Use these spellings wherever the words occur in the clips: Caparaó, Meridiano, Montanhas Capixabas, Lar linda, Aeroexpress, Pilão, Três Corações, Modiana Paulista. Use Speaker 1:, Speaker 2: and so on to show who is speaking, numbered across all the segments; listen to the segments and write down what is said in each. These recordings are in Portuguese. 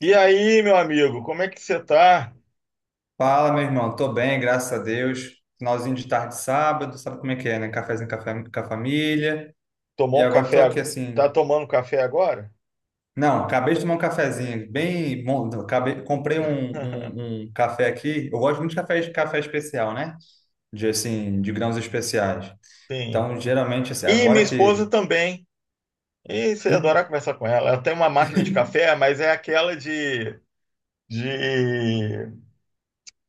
Speaker 1: E aí, meu amigo, como é que você tá?
Speaker 2: Fala, meu irmão. Tô bem, graças a Deus. Finalzinho de tarde, de sábado, sabe como é que é, né? Cafézinho com a família. E
Speaker 1: Tomou um
Speaker 2: agora tô
Speaker 1: café?
Speaker 2: aqui
Speaker 1: Tá
Speaker 2: assim.
Speaker 1: tomando café agora?
Speaker 2: Não, acabei de tomar um cafezinho, bem bom. Acabei, comprei um, um, um café aqui. Eu gosto muito de café especial, né? De assim, de grãos especiais.
Speaker 1: Sim.
Speaker 2: Então, geralmente, assim,
Speaker 1: E
Speaker 2: agora
Speaker 1: minha
Speaker 2: que.
Speaker 1: esposa também. E você ia adorar conversar com ela. Ela tem uma máquina de café, mas é aquela de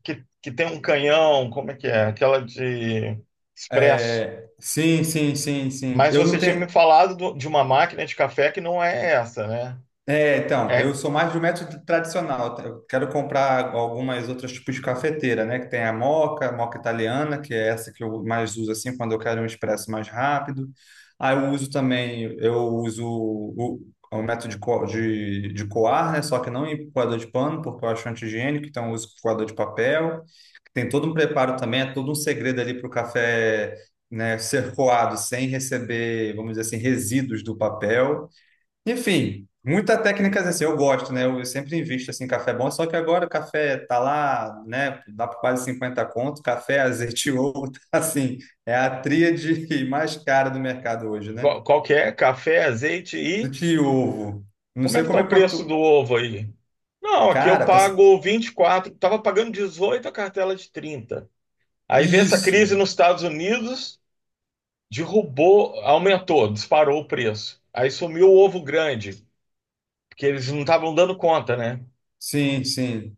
Speaker 1: que tem um canhão, como é que é? Aquela de expresso.
Speaker 2: É, sim, sim, sim, sim.
Speaker 1: Mas
Speaker 2: Eu não
Speaker 1: você tinha me
Speaker 2: tenho.
Speaker 1: falado de uma máquina de café que não é essa, né?
Speaker 2: É, então, eu
Speaker 1: É
Speaker 2: sou mais do método tradicional, tá? Eu quero comprar algumas outras tipos de cafeteira, né? Que tem a moca italiana, que é essa que eu mais uso assim quando eu quero um expresso mais rápido. Aí eu uso também, eu uso o método de coar, né? Só que não em coador de pano, porque eu acho anti-higiênico, então eu uso coador de papel. Tem todo um preparo também, é todo um segredo ali para o café, né, ser coado sem receber, vamos dizer assim, resíduos do papel. Enfim, muitas técnicas assim, eu gosto, né? Eu, sempre invisto assim, em café bom, só que agora o café tá lá, né? Dá por quase 50 conto, café, azeite e ovo, tá, assim, é a tríade mais cara do mercado hoje, né?
Speaker 1: qual, qual que é? Café, azeite.
Speaker 2: Do de ovo. Não
Speaker 1: Como é
Speaker 2: sei
Speaker 1: que tá
Speaker 2: como
Speaker 1: o
Speaker 2: é
Speaker 1: preço do
Speaker 2: quanto.
Speaker 1: ovo aí? Não, aqui eu
Speaker 2: Cara, tá.
Speaker 1: pago 24. Estava pagando 18 a cartela de 30. Aí veio essa crise
Speaker 2: Isso.
Speaker 1: nos Estados Unidos, derrubou, aumentou, disparou o preço. Aí sumiu o ovo grande, porque eles não estavam dando conta, né?
Speaker 2: Sim, sim.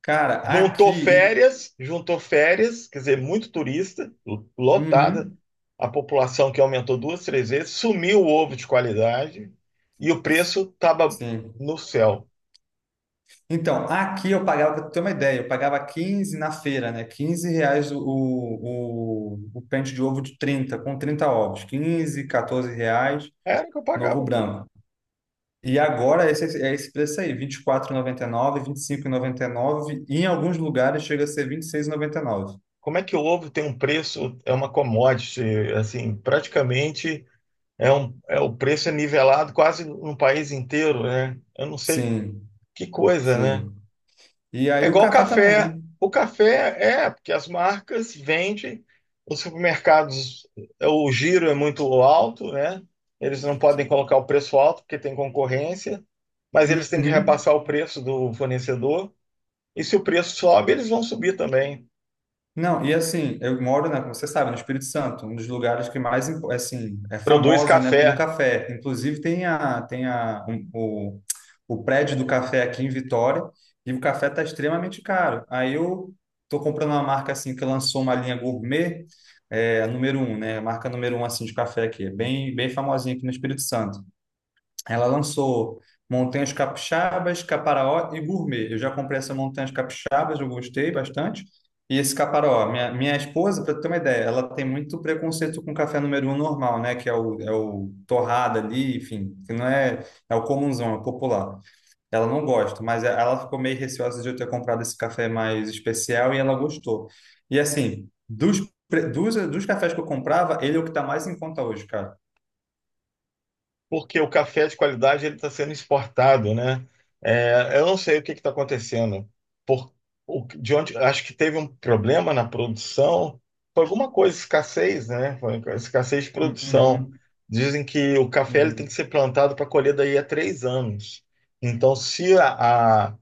Speaker 2: Cara, aqui.
Speaker 1: Juntou férias, quer dizer, muito turista, lotada,
Speaker 2: Uhum.
Speaker 1: a população que aumentou duas, três vezes, sumiu o ovo de qualidade e o preço estava
Speaker 2: Sim.
Speaker 1: no céu.
Speaker 2: Então, aqui eu pagava, para ter uma ideia, eu pagava 15 na feira, né? 15 reais o pente de ovo de 30 com 30 ovos. Quinze, 14 reais,
Speaker 1: Era o que eu
Speaker 2: novo
Speaker 1: pagava aqui.
Speaker 2: branco. E agora esse, é esse preço aí, vinte R$24,99, R$25,99 e nove vinte e cinco e noventa e cinco noventa em alguns lugares chega a ser vinte e seis e noventa e nove.
Speaker 1: Como é que o ovo tem um preço, é uma commodity, assim, praticamente é um, é, o preço é nivelado quase no país inteiro, né? Eu não sei
Speaker 2: Sim,
Speaker 1: que coisa, né?
Speaker 2: sim. E
Speaker 1: É
Speaker 2: aí o
Speaker 1: igual o
Speaker 2: café também,
Speaker 1: café.
Speaker 2: né?
Speaker 1: O café é, porque as marcas vendem, os supermercados, é, o giro é muito alto, né? Eles não podem colocar o preço alto porque tem concorrência, mas eles têm que
Speaker 2: Uhum.
Speaker 1: repassar o preço do fornecedor. E se o preço sobe, eles vão subir também.
Speaker 2: Não, e assim, eu moro, né, como você sabe, no Espírito Santo, um dos lugares que mais, assim, é
Speaker 1: Produz
Speaker 2: famosos, né, pelo
Speaker 1: café.
Speaker 2: café. Inclusive tem o prédio do café aqui em Vitória e o café está extremamente caro. Aí eu tô comprando uma marca, assim, que lançou uma linha gourmet, é, a número um, né, a marca número um, assim, de café aqui, é bem, bem famosinha aqui no Espírito Santo. Ela lançou Montanhas Capixabas, Caparaó e Gourmet. Eu já comprei essa Montanhas Capixabas, eu gostei bastante. E esse Caparaó, minha esposa, para ter uma ideia, ela tem muito preconceito com café número um normal, né? Que é o torrado ali, enfim, que não é, é o comunzão, é o popular. Ela não gosta, mas é, ela ficou meio receosa de eu ter comprado esse café mais especial e ela gostou. E assim, dos cafés que eu comprava, ele é o que está mais em conta hoje, cara.
Speaker 1: Porque o café de qualidade ele está sendo exportado, né? É, eu não sei o que está acontecendo. Por, o- de onde, acho que teve um problema na produção, foi alguma coisa, escassez, né? Foi escassez de produção.
Speaker 2: Uhum,
Speaker 1: Dizem que o café ele tem que
Speaker 2: uhum.
Speaker 1: ser plantado para colher daí a 3 anos. Então, se a-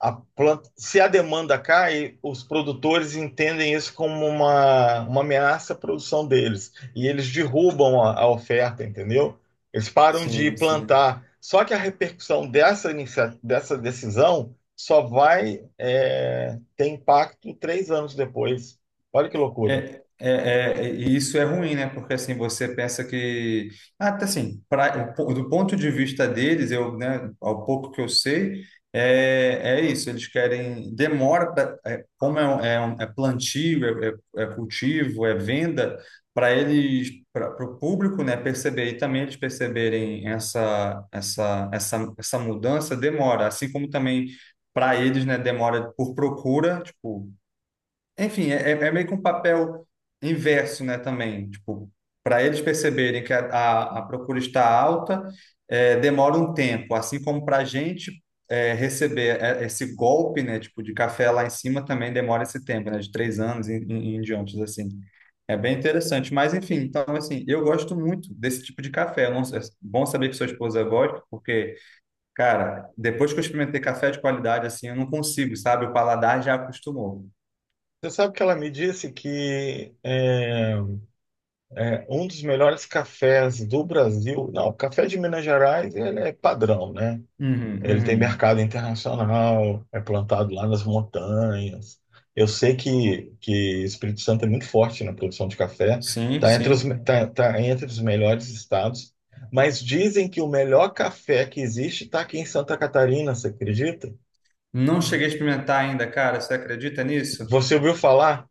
Speaker 1: a planta, se a demanda cai, os produtores entendem isso como uma ameaça à produção deles e eles derrubam a oferta, entendeu? Eles param de
Speaker 2: Sim, sim.
Speaker 1: plantar. Só que a repercussão dessa, dessa decisão só vai é, ter impacto 3 anos depois. Olha que loucura.
Speaker 2: E isso é ruim, né? Porque assim, você pensa que. Ah, tá assim, do ponto de vista deles, eu, né, ao pouco que eu sei, é isso, eles querem. Demora, pra- é, como é, um- é, um- é plantio, é cultivo, é venda, para eles, para o público, né, perceber e também eles perceberem essa mudança, demora. Assim como também para eles, né, demora por procura, tipo. Enfim, é meio que um papel inverso, né, também. Tipo, para eles perceberem que a procura está alta, é, demora um tempo, assim como para a gente é, receber é, esse golpe, né, tipo, de café lá em cima também demora esse tempo, né, de três anos em diante, assim. É bem interessante, mas enfim, então assim, eu gosto muito desse tipo de café. Eu não sei- é bom saber que sua esposa gosta, porque, cara, depois que eu experimentei café de qualidade, assim, eu não consigo, sabe? O paladar já acostumou.
Speaker 1: Você sabe que ela me disse que é, é, um dos melhores cafés do Brasil, não, o café de Minas Gerais ele é padrão, né?
Speaker 2: Uhum,
Speaker 1: Ele tem
Speaker 2: uhum.
Speaker 1: mercado internacional, é plantado lá nas montanhas. Eu sei que Espírito Santo é muito forte na produção de café,
Speaker 2: Sim,
Speaker 1: está entre
Speaker 2: sim.
Speaker 1: tá, tá entre os melhores estados, mas dizem que o melhor café que existe está aqui em Santa Catarina, você acredita?
Speaker 2: Não cheguei a experimentar ainda, cara. Você acredita nisso?
Speaker 1: Você ouviu falar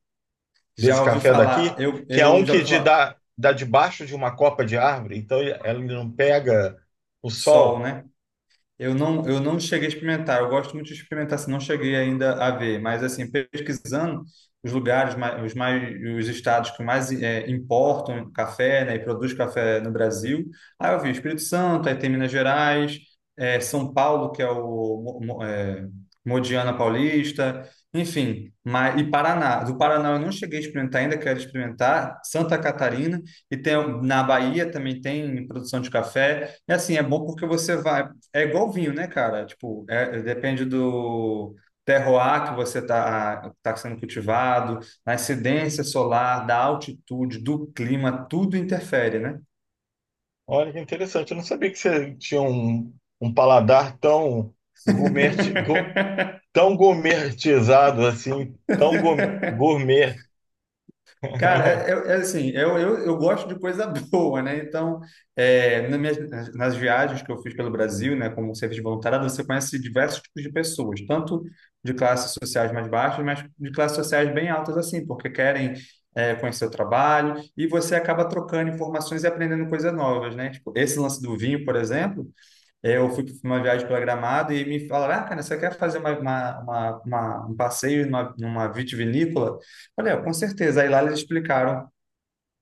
Speaker 1: desse
Speaker 2: Já ouvi
Speaker 1: café daqui?
Speaker 2: falar, eu,
Speaker 1: Que é
Speaker 2: eu
Speaker 1: um
Speaker 2: já
Speaker 1: que
Speaker 2: ouvi
Speaker 1: de
Speaker 2: falar
Speaker 1: dá, dá debaixo de uma copa de árvore, então ele não pega o
Speaker 2: sol,
Speaker 1: sol.
Speaker 2: né? Eu não cheguei a experimentar. Eu gosto muito de experimentar, se não cheguei ainda a ver. Mas assim, pesquisando os lugares, mais, os estados que mais importam café, né, e produz café no Brasil. Aí eu vi Espírito Santo, aí tem Minas Gerais, São Paulo, que é o Mo- Mo- eh, Modiana Paulista, enfim. Mas, e Paraná. Do Paraná eu não cheguei a experimentar ainda, quero experimentar. Santa Catarina e tem na Bahia também tem produção de café. É assim, é bom porque você vai é igual vinho, né, cara? Tipo, depende do terroir que você tá sendo cultivado, da incidência solar, da altitude, do clima, tudo interfere, né?
Speaker 1: Olha que interessante. Eu não sabia que você tinha um, um paladar tão gourmet, tão gourmetizado assim, tão gourmet. Gourmet.
Speaker 2: Cara, é, é- é assim, eu gosto de coisa boa, né? Então, nas viagens que eu fiz pelo Brasil, né, como serviço de voluntariado, você conhece diversos tipos de pessoas, tanto de classes sociais mais baixas, mas de classes sociais bem altas, assim, porque querem, conhecer o trabalho e você acaba trocando informações e aprendendo coisas novas, né? Tipo, esse lance do vinho, por exemplo. Eu fui para uma viagem para Gramado e me falaram, ah, cara, você quer fazer um passeio numa vitivinícola? Falei, "Ah, com certeza." Aí lá eles explicaram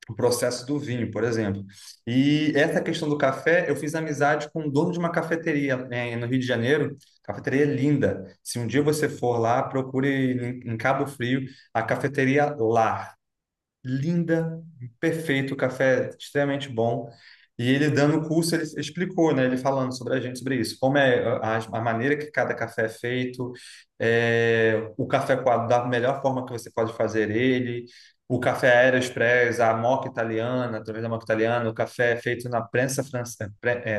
Speaker 2: o processo do vinho, por exemplo. E essa questão do café, eu fiz amizade com o dono de uma cafeteria, né, no Rio de Janeiro. Cafeteria linda. Se um dia você for lá, procure em Cabo Frio a cafeteria Lar linda, perfeito, café é extremamente bom. E ele dando o curso, ele explicou, né? Ele falando sobre a gente, sobre isso, como é a maneira que cada café é feito, o café coado da melhor forma que você pode fazer ele, o café Aeroexpress, a moca italiana, através da moca italiana, o café é feito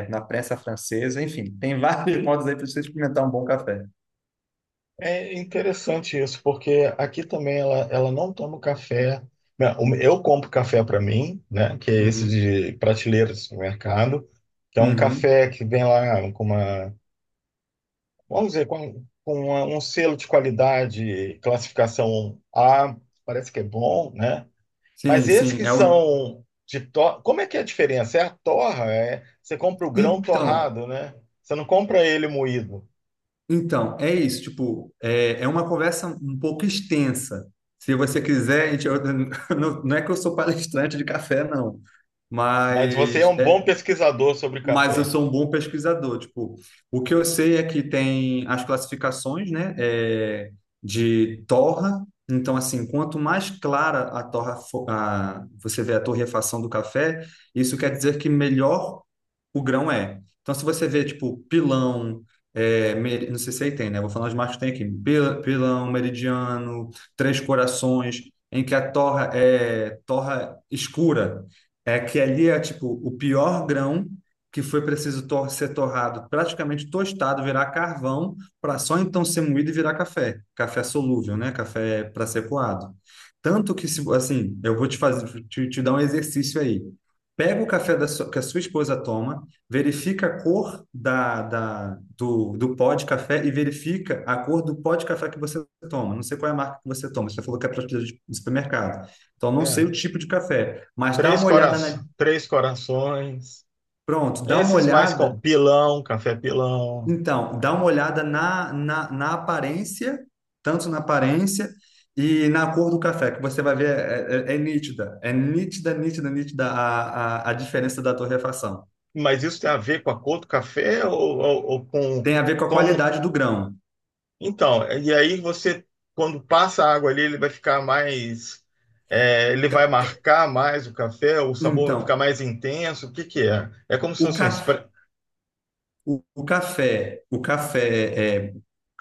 Speaker 2: na prensa francesa, enfim, tem vários modos aí para você experimentar um bom café.
Speaker 1: É interessante isso, porque aqui também ela não toma café. Não, eu compro café para mim, né? Que é esse
Speaker 2: Uhum,
Speaker 1: de prateleira do supermercado, que é um
Speaker 2: uhum.
Speaker 1: café que vem lá com uma, vamos dizer, com, um selo de qualidade, classificação A, parece que é bom, né? Mas
Speaker 2: Sim,
Speaker 1: esses
Speaker 2: sim.
Speaker 1: que
Speaker 2: É o...
Speaker 1: são de torra, como é que é a diferença? É a torra, é você compra o grão
Speaker 2: Então,
Speaker 1: torrado, né? Você não compra ele moído.
Speaker 2: Então, é isso, tipo, é uma conversa um pouco extensa. Se você quiser, a gente, não, não é que eu sou palestrante de café, não,
Speaker 1: Mas você é
Speaker 2: mas
Speaker 1: um bom pesquisador sobre
Speaker 2: eu
Speaker 1: café.
Speaker 2: sou um bom pesquisador. Tipo, o que eu sei é que tem as classificações, né, de torra. Então, assim, quanto mais clara a torra, você vê a torrefação do café, isso quer dizer que melhor o grão é. Então, se você vê, tipo, pilão, não sei se aí tem, né? Vou falar os marcos que tem aqui. Pilão, meridiano, três corações, em que a torra é torra escura. É que ali é, tipo, o pior grão que foi preciso ser torrado, praticamente tostado, virar carvão, para só então ser moído e virar café. Café solúvel, né? Café para ser coado. Tanto que, assim, eu vou te fazer, te dar um exercício aí. Pega o café que a sua esposa toma, verifica a cor do pó de café e verifica a cor do pó de café que você toma. Não sei qual é a marca que você toma, você falou que é prateleira de supermercado. Então, não sei
Speaker 1: É.
Speaker 2: o tipo de café, mas dá
Speaker 1: Três,
Speaker 2: uma olhada na,
Speaker 1: três corações.
Speaker 2: pronto, dá uma
Speaker 1: Esses mais
Speaker 2: olhada
Speaker 1: com pilão, café pilão.
Speaker 2: então, dá uma olhada na aparência, tanto na aparência e na cor do café, que você vai ver, é nítida, é nítida, nítida, nítida a diferença da torrefação.
Speaker 1: Mas isso tem a ver com a cor do café ou com
Speaker 2: Tem a ver com a
Speaker 1: como.
Speaker 2: qualidade do grão.
Speaker 1: Então, e aí você, quando passa a água ali, ele vai ficar mais, é, ele vai marcar mais o café, o sabor vai ficar
Speaker 2: Então,
Speaker 1: mais intenso. O que que é? É como se
Speaker 2: o
Speaker 1: fosse um
Speaker 2: café
Speaker 1: spray.
Speaker 2: O café,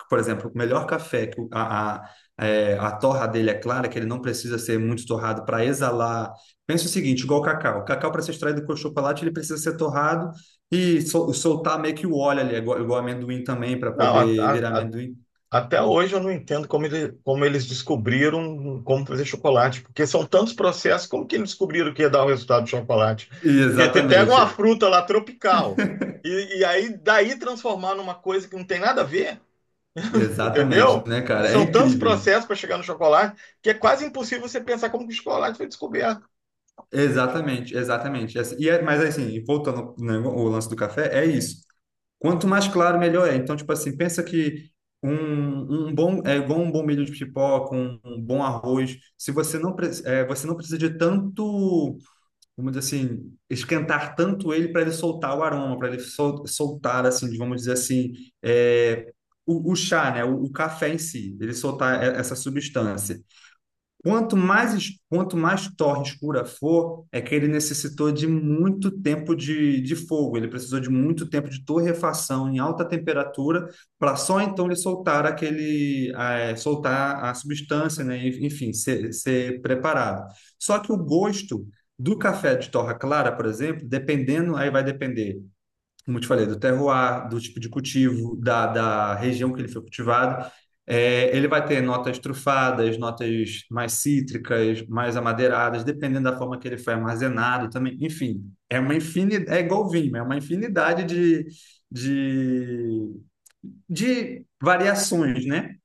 Speaker 2: por exemplo, o melhor café que a torra dele é clara, que ele não precisa ser muito torrado para exalar. Pensa o seguinte, igual o cacau. O cacau, para ser extraído com o chocolate, ele precisa ser torrado e soltar meio que o óleo ali, igual amendoim também, para
Speaker 1: Não,
Speaker 2: poder virar amendoim.
Speaker 1: até hoje eu não entendo como, como eles descobriram como fazer chocolate, porque são tantos processos, como que eles descobriram que ia dar o resultado do chocolate? Porque você pega uma
Speaker 2: Exatamente,
Speaker 1: fruta lá tropical e aí daí transformar numa coisa que não tem nada a ver,
Speaker 2: exatamente,
Speaker 1: entendeu?
Speaker 2: né, cara? É
Speaker 1: São tantos
Speaker 2: incrível.
Speaker 1: processos para chegar no chocolate que é quase impossível você pensar como que o chocolate foi descoberto.
Speaker 2: Exatamente, exatamente. Mas assim, voltando, né, o lance do café, é isso. Quanto mais claro, melhor é. Então, tipo assim, pensa que um bom é igual um bom milho de pipoca, um bom arroz. Se você não pre- é, você não precisa de tanto, vamos dizer assim, esquentar tanto ele para ele soltar o aroma, para ele soltar assim, vamos dizer assim, é, o chá, né? O café em si, ele soltar essa substância. Quanto mais torre escura for, é que ele necessitou de muito tempo de fogo, ele precisou de muito tempo de torrefação em alta temperatura para só então ele soltar aquele, soltar a substância, né? Enfim, ser preparado. Só que o gosto do café de torra clara, por exemplo, dependendo, aí vai depender como eu te falei, do terroir, do tipo de cultivo, da região que ele foi cultivado. É, ele vai ter notas trufadas, notas mais cítricas, mais amadeiradas, dependendo da forma que ele foi armazenado também. Enfim, é uma infinidade, é igual vinho, é uma infinidade de, de variações, né?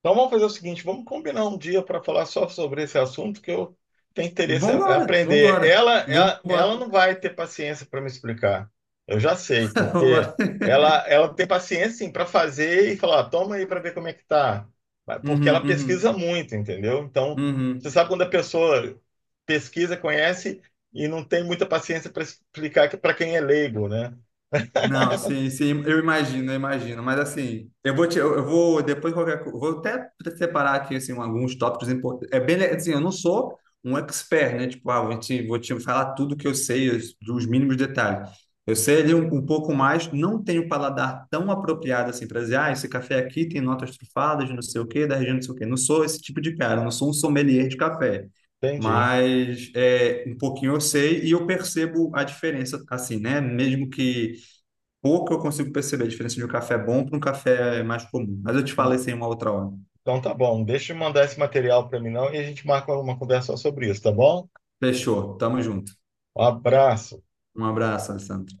Speaker 1: Então vamos fazer o seguinte, vamos combinar um dia para falar só sobre esse assunto que eu tenho interesse em
Speaker 2: Vambora,
Speaker 1: aprender.
Speaker 2: vambora,
Speaker 1: Ela
Speaker 2: vambora,
Speaker 1: não vai ter paciência para me explicar. Eu já sei, porque
Speaker 2: vambora.
Speaker 1: ela tem paciência sim para fazer e falar, "Ah, toma aí para ver como é que tá." Mas porque ela
Speaker 2: Uhum,
Speaker 1: pesquisa
Speaker 2: uhum,
Speaker 1: muito, entendeu? Então, você
Speaker 2: uhum.
Speaker 1: sabe quando a pessoa pesquisa, conhece e não tem muita paciência para explicar para quem é leigo, né?
Speaker 2: Não, sim, sim, eu imagino, mas assim, eu vou depois qualquer, vou até separar aqui assim alguns tópicos importantes. É assim, eu não sou um expert, né? Tipo, ah, vou te falar tudo que eu sei, os, dos mínimos detalhes. Eu sei ali um pouco mais, não tenho um paladar tão apropriado assim para dizer, ah, esse café aqui tem notas trufadas, de não sei o quê, da região não sei o quê. Não sou esse tipo de cara, não sou um sommelier de café.
Speaker 1: Entendi.
Speaker 2: Mas é, um pouquinho eu sei e eu percebo a diferença, assim, né? Mesmo que pouco eu consigo perceber a diferença de um café bom para um café mais comum. Mas eu te falei isso em uma outra hora.
Speaker 1: Então tá bom, deixa eu mandar esse material para mim não e a gente marca uma conversa só sobre isso, tá bom?
Speaker 2: Fechou. Tamo junto.
Speaker 1: Um abraço.
Speaker 2: Um abraço, Alessandro.